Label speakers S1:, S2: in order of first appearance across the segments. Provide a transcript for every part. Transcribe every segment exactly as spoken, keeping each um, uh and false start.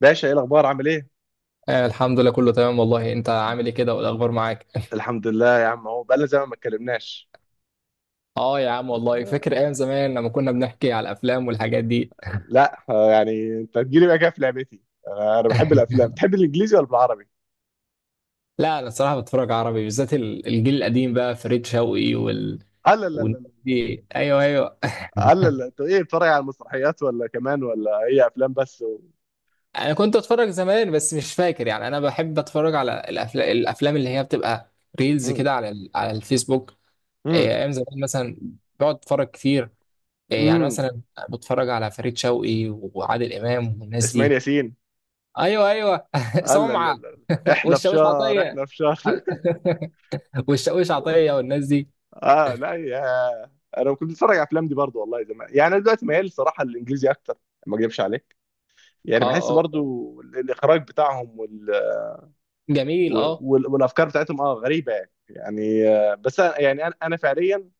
S1: باشا ايه الاخبار عامل ايه؟
S2: آه، الحمد لله كله تمام والله انت عامل ايه كده والاخبار معاك.
S1: الحمد لله يا عم اهو بقالنا زمان ما اتكلمناش.
S2: اه يا عم والله فاكر ايام زمان لما كنا بنحكي على الافلام والحاجات دي.
S1: لا آه، يعني انت تجيلي بقى كده في لعبتي. آه، انا بحب الافلام. بتحب الانجليزي ولا بالعربي؟
S2: لا انا الصراحه بتفرج عربي بالذات ال- الجيل القديم بقى فريد شوقي وال
S1: لا لا لا
S2: والناس
S1: لا.
S2: دي، ايوه ايوه.
S1: لا لا انت ايه، بتتفرج على المسرحيات ولا كمان، ولا هي افلام بس و...
S2: انا كنت اتفرج زمان بس مش فاكر، يعني انا بحب اتفرج على الافلام الافلام اللي هي بتبقى ريلز
S1: مم.
S2: كده على ال... على الفيسبوك. آه،
S1: مم.
S2: ايام زمان مثلا بقعد اتفرج كتير، آه، يعني
S1: مم.
S2: مثلا بتفرج على فريد شوقي وعادل امام والناس
S1: اسماعيل
S2: دي،
S1: ياسين.
S2: ايوه ايوه.
S1: لا لا لا
S2: سمعه،
S1: لا. احنا في
S2: والشاويش
S1: شهر،
S2: عطيه.
S1: احنا في شهر.
S2: والشاويش عطيه والناس دي.
S1: اه لا يا. انا كنت بتفرج على الافلام دي برضو والله زمان. يعني انا دلوقتي ميال صراحه للانجليزي اكتر، ما اكذبش عليك. يعني بحس
S2: اه اه
S1: برضو الاخراج بتاعهم
S2: جميل
S1: و-
S2: اه،
S1: وال- والافكار بتاعتهم اه غريبه، يعني يعني آه، بس أنا- يعني انا أنا فعليا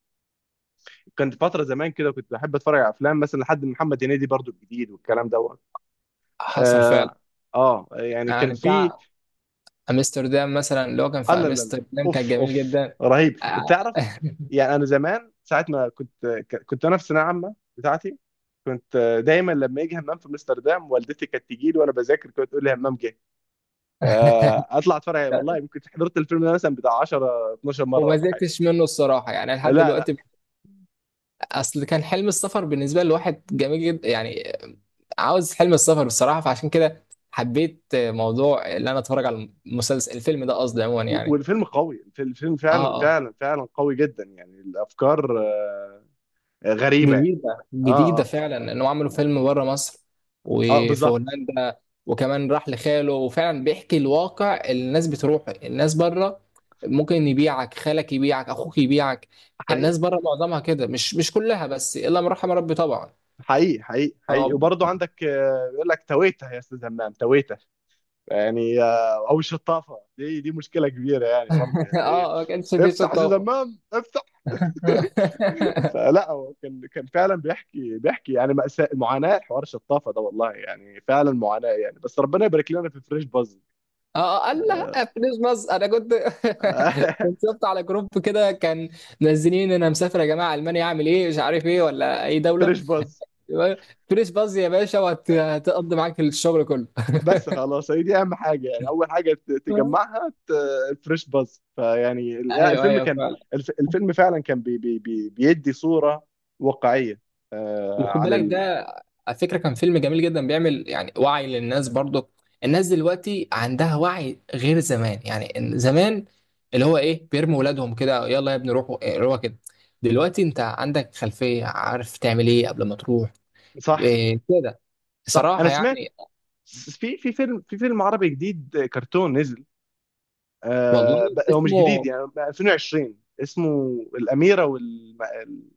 S1: كنت فتره زمان كده كنت بحب اتفرج على افلام، مثلا لحد محمد هنيدي برضو الجديد والكلام دوت.
S2: حصل فعلا.
S1: اه اه، يعني كان
S2: يعني
S1: في.
S2: بتاع امستردام مثلا، اللي هو كان
S1: آه
S2: في
S1: لا لا لا،
S2: امستردام كان
S1: اوف
S2: جميل
S1: اوف،
S2: جدا.
S1: رهيب.
S2: آه.
S1: انت تعرف، يعني انا زمان ساعه ما كنت ك- كنت انا في ثانويه عامه بتاعتي، كنت آه، دايما لما يجي همام في امستردام، والدتي كانت تجي لي وانا بذاكر كانت تقول لي همام جه، فاطلع اتفرج عليه. والله يمكن حضرت الفيلم ده مثلا بتاع عشرة اتناشر مره
S2: وما
S1: ولا حاجه.
S2: زهقتش منه الصراحه يعني لحد
S1: لا.
S2: دلوقتي. اصل كان حلم السفر بالنسبه لواحد جميل جدا يعني، عاوز حلم السفر بصراحه، فعشان كده حبيت موضوع ان انا اتفرج على المسلسل، الفيلم ده قصدي عموما يعني.
S1: والفيلم قوي، الفيلم
S2: اه
S1: فعلا
S2: آه.
S1: فعلا فعلا قوي جدا. يعني الافكار آه، غريبه يعني.
S2: جديدة
S1: اه
S2: جديدة
S1: اه
S2: فعلا انهم عملوا
S1: اه،
S2: فيلم بره مصر،
S1: آه
S2: وفي
S1: بالظبط.
S2: هولندا، وكمان راح لخاله، وفعلا بيحكي الواقع اللي الناس بتروح، الناس بره ممكن يبيعك خالك، يبيعك اخوك، يبيعك. الناس
S1: حقيقي
S2: بره معظمها كده، مش مش كلها بس، الا من رحم ربي طبعا.
S1: حقيقي حقيقي حقيقي.
S2: طب.
S1: وبرضه عندك آه، بيقول لك تويته يا استاذ همام تويته. يعني آه، او الشطافه، دي دي مشكله كبيره يعني، برضه يعني إيه،
S2: اه ما كانش في
S1: افتح يا استاذ
S2: شطافة.
S1: همام، افتح. فلا هو كان كان فعلا بيحكي بيحكي يعني مأساة، معاناة حوار الشطافة ده والله، يعني فعلا معاناة يعني. بس ربنا يبارك لنا في فريش باز.
S2: اه قال لا، فلوس مصر انا كنت. كنت شفت على جروب كده كان منزلين انا مسافر يا جماعه المانيا، اعمل ايه؟ مش عارف ايه ولا اي دوله.
S1: فريش باز.
S2: فلوس باظ يا باشا، وهتقضي معاك الشغل كله.
S1: بس خلاص هي دي اهم حاجه يعني، اول حاجه ت- تجمعها ت- الفريش باز، فيعني ال- لا،
S2: ايوه
S1: الفيلم
S2: ايوه
S1: كان.
S2: فعلا.
S1: الف- الفيلم فعلا كان بي بي بي بيدي صوره واقعيه آه،
S2: وخد
S1: عن
S2: بالك
S1: ال...
S2: ده، على فكره كان فيلم جميل جدا، بيعمل يعني وعي للناس برضو. الناس دلوقتي عندها وعي غير زمان، يعني إن زمان اللي هو ايه، بيرموا ولادهم كده، يلا يا ابني روحوا، إيه، روحوا كده. دلوقتي انت عندك خلفيه، عارف تعمل ايه قبل ما تروح.
S1: صح
S2: إيه كده
S1: صح. انا
S2: بصراحه
S1: سمعت
S2: يعني.
S1: س- في في فيلم في فيلم عربي جديد آه، كرتون نزل. آه،
S2: والله.
S1: ب- هو مش جديد،
S2: اسمه.
S1: يعني ألفين وعشرين. اسمه الاميره وال الم-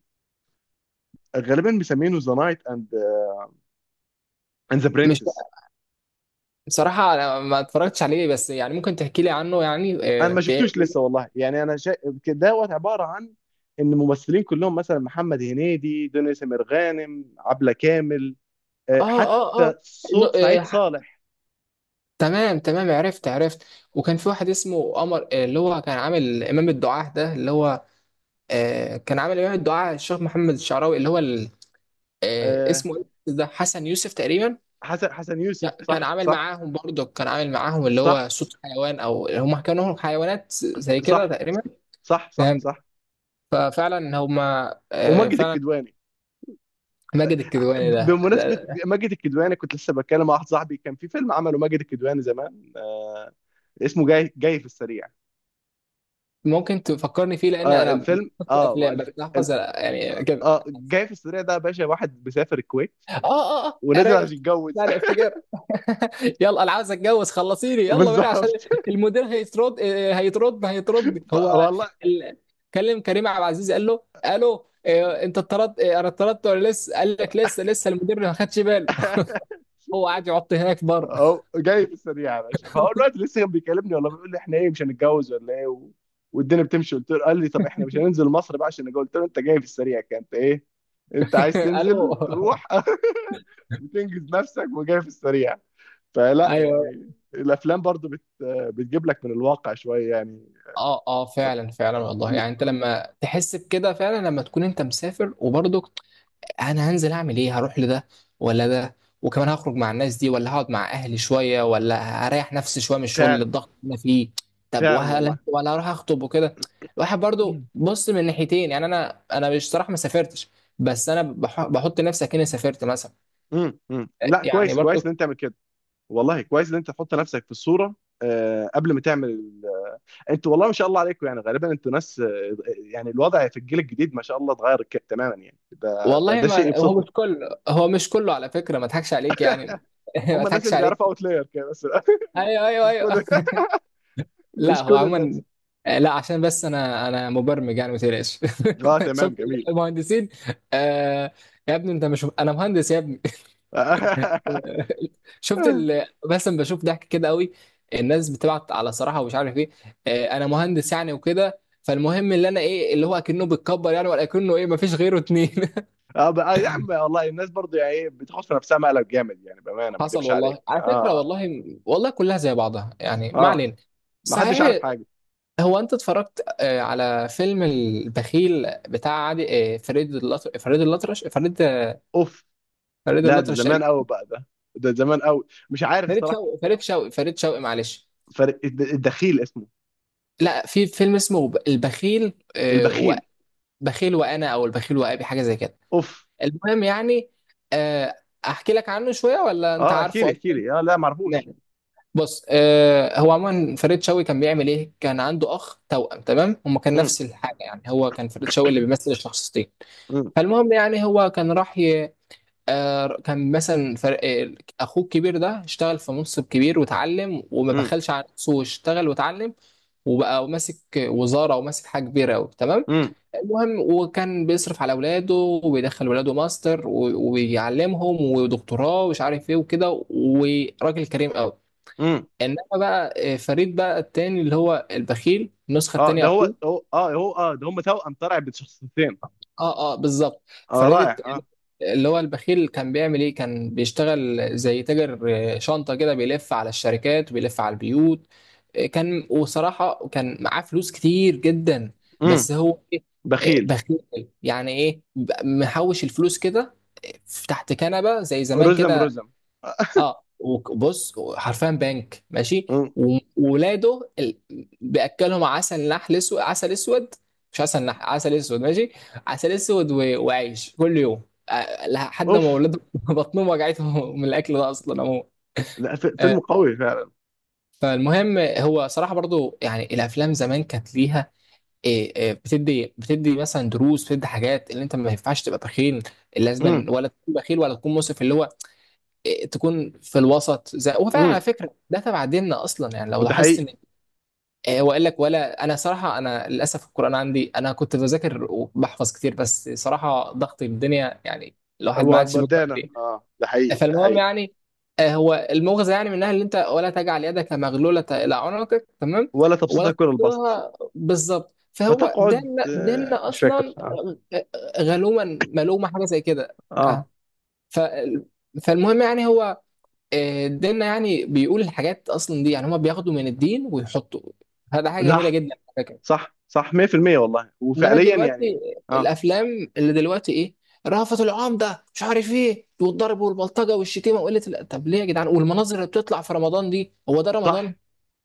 S1: ال- غالبا مسمينه ذا نايت اند اند ذا
S2: مش.
S1: برنسس.
S2: بصراحه انا ما اتفرجتش عليه، بس يعني ممكن تحكي لي عنه يعني
S1: انا ما
S2: إيه.
S1: شفتوش لسه والله، يعني انا شا... دوت عباره عن ان ممثلين كلهم، مثلا محمد هنيدي، دنيا سمير غانم، عبله كامل، آه،
S2: اه اه اه.
S1: حتى
S2: إنه-
S1: صوت
S2: آه،
S1: سعيد
S2: ح-
S1: صالح.
S2: تمام تمام، عرفت عرفت. وكان في واحد اسمه قمر، آه، اللي هو كان عامل امام الدعاة ده، اللي هو آه، كان عامل امام الدعاة الشيخ محمد الشعراوي، اللي هو ال- آه،
S1: آه،
S2: اسمه إيه ده، حسن يوسف تقريبا.
S1: حسن حسن يوسف،
S2: لا، كان
S1: صح
S2: عامل
S1: صح.
S2: معاهم برضه، كان عامل معاهم اللي هو
S1: صح
S2: صوت حيوان، او هم كانوا حيوانات زي كده
S1: صح
S2: تقريبا.
S1: صح صح
S2: فهمت،
S1: صح.
S2: ففعلا هم آه،
S1: وماجد
S2: فعلا.
S1: الكدواني.
S2: ماجد الكدواني
S1: ب-
S2: ده
S1: بمناسبة
S2: ده-
S1: ماجد الكدواني، كنت لسه بتكلم مع واحد صاحبي كان في فيلم عمله ماجد الكدواني زمان، آه، اسمه جاي جاي في السريع.
S2: ممكن تفكرني فيه لان
S1: آه
S2: انا
S1: الفيلم، اه ما
S2: افلام بس
S1: الف... ال-
S2: أحفظ يعني كده.
S1: اه، جاي في السريع ده يا باشا، واحد بيسافر الكويت
S2: اه اه اه،
S1: ونازل عشان
S2: عرفت.
S1: يتجوز.
S2: يعني افتكر. يلا انا عاوز اتجوز، خلصيني يلا بينا، عشان
S1: بالظبط.
S2: المدير هيترد آه، هيترد هيترد
S1: ف-
S2: هو
S1: والله.
S2: ال... كلم كريم عبد العزيز، قال له الو، آه، انت اتطردت آه، اتطردت ولا لسه؟ قال لك لسه لسه، المدير ما خدش باله. هو قاعد يعط هناك بره.
S1: هو جاي في السريع يا باشا، فهو الوقت لسه كان بيكلمني والله، بيقول لي احنا ايه، مش هنتجوز ولا ايه و... والدنيا بتمشي، قلت له. قال لي طب احنا مش هننزل مصر بقى عشان نتجوز؟ قلت له انت جاي في السريع، كان انت ايه، انت عايز
S2: الو.
S1: تنزل تروح وتنجز نفسك وجاي في السريع. فلا
S2: ايوه.
S1: يعني الافلام برضو بت... بتجيب لك من الواقع شويه يعني.
S2: اه اه فعلا فعلا، والله يعني انت لما تحس بكده فعلا، لما تكون انت مسافر وبرضه انا هنزل اعمل ايه، هروح لده ولا ده، وكمان هخرج مع الناس دي ولا هقعد مع اهلي شويه، ولا هريح نفسي شويه من الشغل، اللي
S1: فعلا
S2: الضغط اللي انا فيه، طب
S1: فعلا
S2: وهلا
S1: والله.
S2: ولا اروح اخطب وكده. الواحد برضو
S1: مم.
S2: بص من ناحيتين، يعني انا انا مش صراحه ما سافرتش، بس انا بح- بحط نفسي كأني سافرت مثلا،
S1: مم. مم. لا،
S2: يعني
S1: كويس كويس ان
S2: برضو.
S1: انت تعمل كده. والله كويس ان انت تحط نفسك في الصوره آه، قبل ما تعمل ال- انتوا والله ما شاء الله عليكم، يعني غالبا انتوا ناس آه، يعني الوضع في الجيل الجديد ما شاء الله اتغير ك- تماما، يعني ده ده
S2: والله
S1: ده شيء
S2: ما هو مش
S1: يبسطني.
S2: كله، هو مش كله على فكره، ما اضحكش عليك يعني. ما
S1: هم الناس
S2: اضحكش
S1: اللي
S2: عليك.
S1: بيعرفوا اوتلاير كده بس.
S2: ايوه ايوه
S1: مش كل
S2: ايوه. لا
S1: مش
S2: هو
S1: كل الناس.
S2: عموما آه، لا عشان بس انا انا مبرمج يعني، ما تقلقش.
S1: اه تمام،
S2: شفت
S1: جميل.
S2: المهندسين. آه. يا ابني انت مش، انا مهندس يا ابني. شفت ال... بس أنا بشوف ضحك كده قوي، الناس بتبعت على صراحه ومش عارف ايه. آه انا مهندس يعني وكده، فالمهم اللي انا ايه، اللي هو اكنه بيتكبر يعني ولا اكنه ايه، ما فيش غيره اتنين.
S1: اه بقى يا عم والله الناس برضه يعني ايه، بتحط في نفسها مقلب جامد يعني، بامانه ما
S2: حصل
S1: اكدبش عليك.
S2: والله على فكره،
S1: اه
S2: والله والله كلها زي بعضها يعني،
S1: اه
S2: ما
S1: آه.
S2: علينا.
S1: ما حدش عارف
S2: صحيح،
S1: حاجه.
S2: هو انت اتفرجت آه، على فيلم البخيل بتاع عادي، آه، فريد اللطرش فريد اللطرش فريد
S1: اوف.
S2: فريد
S1: لا ده
S2: اللطرش
S1: زمان
S2: تقريبا،
S1: قوي بقى ده، ده زمان قوي، مش عارف
S2: فريد
S1: الصراحه.
S2: شوقي فريد شوقي فريد شوقي معلش.
S1: فرق الد- الدخيل اسمه
S2: لا في فيلم اسمه ب- البخيل، آه، و-
S1: البخيل.
S2: بخيل وانا، او البخيل وابي، حاجه زي كده.
S1: اوف.
S2: المهم يعني آه، احكي لك عنه شويه ولا انت
S1: اه، احكي لي
S2: عارفه
S1: احكي
S2: اصلا؟
S1: لي، اه لا ما
S2: نعم.
S1: اعرفوش.
S2: بص، آه، هو عموما فريد شوقي كان بيعمل ايه، كان عنده اخ توأم تمام، هما كان
S1: مم.
S2: نفس الحاجه، يعني هو كان فريد شوقي اللي بيمثل الشخصيتين.
S1: مم.
S2: فالمهم يعني هو كان راح آه، كان مثلا فرق، اخوه الكبير ده اشتغل في منصب كبير، واتعلم، وما
S1: مم.
S2: بخلش على نفسه، واشتغل واتعلم، وبقى ماسك وزاره وماسك حاجه كبيره قوي تمام.
S1: مم.
S2: المهم وكان بيصرف على اولاده، وبيدخل ولاده ماستر و- وبيعلمهم ودكتوراه ومش عارف ايه وكده، وراجل كريم قوي.
S1: مم.
S2: انما بقى آه، فريد بقى التاني، اللي هو البخيل، النسخه
S1: اه،
S2: التانيه،
S1: ده هو
S2: اخوه.
S1: هو اه هو اه ده، هم توأم طلع بشخصيتين.
S2: اه اه بالظبط.
S1: اه رائع
S2: فريدت
S1: اه.
S2: اللي هو البخيل كان بيعمل ايه، كان بيشتغل زي تاجر، آه، شنطة كده، بيلف على الشركات وبيلف على البيوت، آه، كان، وصراحة كان معاه فلوس كتير جدا.
S1: مم.
S2: بس هو إيه؟ آه،
S1: بخيل.
S2: بخيل، يعني ايه، ب- محوش الفلوس كده، آه، تحت كنبة زي زمان
S1: رزم
S2: كده.
S1: رزم.
S2: اه وبص، حرفيا بنك ماشي.
S1: مم.
S2: وولاده ال... بياكلهم عسل نحل اسود، عسل اسود، مش عسل نحل، عسل اسود ماشي، عسل اسود و... وعيش كل يوم، آه، لحد ما
S1: اوف.
S2: ولاده بطنهم وجعتهم من الاكل ده اصلا عموما.
S1: لا ف- فيلم
S2: آه،
S1: قوي فعلا.
S2: فالمهم هو صراحه برضو، يعني الافلام زمان كانت ليها إيه إيه بتدي بتدي مثلا دروس، بتدي حاجات، اللي انت ما ينفعش تبقى بخيل لازما،
S1: مم.
S2: ولا تكون بخيل ولا تكون مسرف، اللي هو تكون في الوسط. زي هو فعلا على
S1: مم.
S2: فكره، ده تبع ديننا اصلا، يعني لو
S1: ده
S2: لاحظت
S1: حقيقي.
S2: ان آه، هو قال لك، ولا انا صراحه، انا للاسف القران عندي، انا كنت بذاكر وبحفظ كتير، بس صراحه ضغط الدنيا، يعني الواحد ما عادش بيقرا
S1: ودانا،
S2: كتير.
S1: اه ده حقيقي ده
S2: فالمهم
S1: حقيقي.
S2: يعني آه، هو المغزى يعني منها، اللي انت ولا تجعل يدك مغلوله الى عنقك تمام،
S1: ولا
S2: ولا
S1: تبسطها كل البسط،
S2: تقصرها بالظبط. فهو
S1: فتقعد
S2: ديننا،
S1: آه
S2: ديننا
S1: مش فاكر
S2: اصلا
S1: اه
S2: غ- غ- غلوما، ملومه، حاجه زي كده. آه.
S1: اه
S2: ف- فالمهم يعني هو آه، ديننا يعني بيقول الحاجات اصلا دي، يعني هما بياخدوا من الدين ويحطوا، هذا حاجه
S1: ده.
S2: جميله جدا على فكره.
S1: صح صح ميه بالميه والله،
S2: انما
S1: وفعليا يعني.
S2: دلوقتي
S1: اه
S2: الافلام اللي دلوقتي ايه، رأفت العام ده مش عارف ايه، والضرب والبلطجه والشتيمه وقله ال- طب ليه يا جدعان، والمناظر اللي بتطلع في رمضان دي، هو ده رمضان؟
S1: صح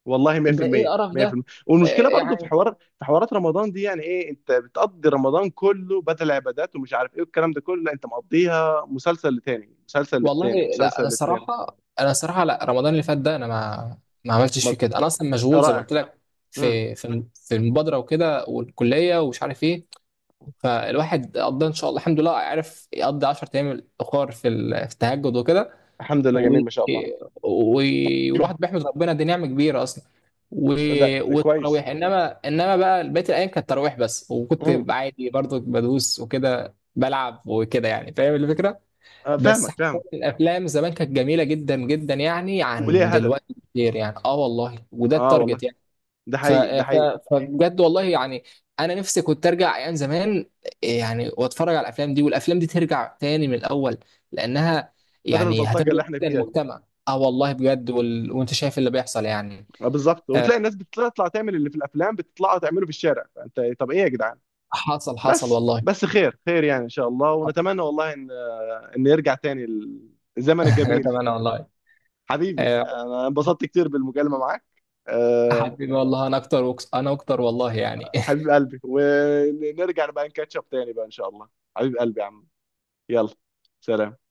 S1: والله
S2: ده ايه
S1: ميه بالميه
S2: القرف ده،
S1: ميه بالميه.
S2: آه،
S1: والمشكله برضو في
S2: يعني
S1: حوار، في حوارات رمضان دي، يعني ايه، انت بتقضي رمضان كله بدل عبادات ومش عارف ايه والكلام ده كله. لا، انت مقضيها مسلسل لتاني، مسلسل
S2: والله.
S1: للتاني،
S2: لا
S1: مسلسل
S2: انا
S1: للتاني.
S2: الصراحه، انا الصراحه لا، رمضان اللي فات ده انا ما ما عملتش فيه
S1: مط...
S2: كده، انا اصلا مشغول زي ما
S1: رائع.
S2: قلت لك،
S1: مم.
S2: في في في المبادره وكده، والكليه ومش عارف ايه. فالواحد قضى ان شاء الله الحمد لله، عرف يقضي 10 ايام الاخر في ال- في التهجد وكده،
S1: الحمد لله،
S2: و...
S1: جميل
S2: و...
S1: ما شاء الله.
S2: والواحد بيحمد ربنا، دي نعمه كبيره اصلا، و...
S1: ده كويس.
S2: والتراويح. انما انما بقى بقيه الايام كانت تراويح بس،
S1: مم.
S2: وكنت عادي برضو بدوس وكده، بلعب وكده يعني، فاهم الفكره.
S1: آه
S2: بس
S1: فاهمك
S2: حسيت
S1: فاهمك.
S2: الافلام زمان كانت جميله جدا جدا يعني
S1: وليه
S2: عن
S1: هدف.
S2: دلوقتي كتير يعني، اه والله، وده
S1: اه والله،
S2: التارجت.
S1: ده
S2: ف...
S1: حقيقي ده
S2: ف...
S1: حقيقي.
S2: فبجد والله يعني انا نفسي كنت ارجع ايام زمان، يعني واتفرج على الافلام دي، والافلام دي ترجع تاني من الاول، لانها
S1: بدل
S2: يعني
S1: البلطجه
S2: هتخدم
S1: اللي احنا
S2: جدا
S1: فيها دي.
S2: المجتمع، اه والله بجد، وال... وانت شايف اللي بيحصل يعني.
S1: آه بالظبط،
S2: آه،
S1: وبتلاقي الناس بتطلع تعمل اللي في الافلام، بتطلع تعمله في الشارع، فانت إيه، طب ايه يا جدعان.
S2: حصل حصل
S1: بس
S2: والله.
S1: بس، خير خير يعني ان شاء الله، ونتمنى والله ان يرجع تاني الزمن الجميل.
S2: تمام والله.
S1: حبيبي،
S2: آه
S1: انا انبسطت كتير بالمكالمة معاك. أه.
S2: حبيبي والله انا اكتر، وكس... انا اكتر والله يعني.
S1: حبيب قلبي، ونرجع بقى نكاتشب تاني بقى ان شاء الله. حبيب قلبي يا عم. يلا. سلام.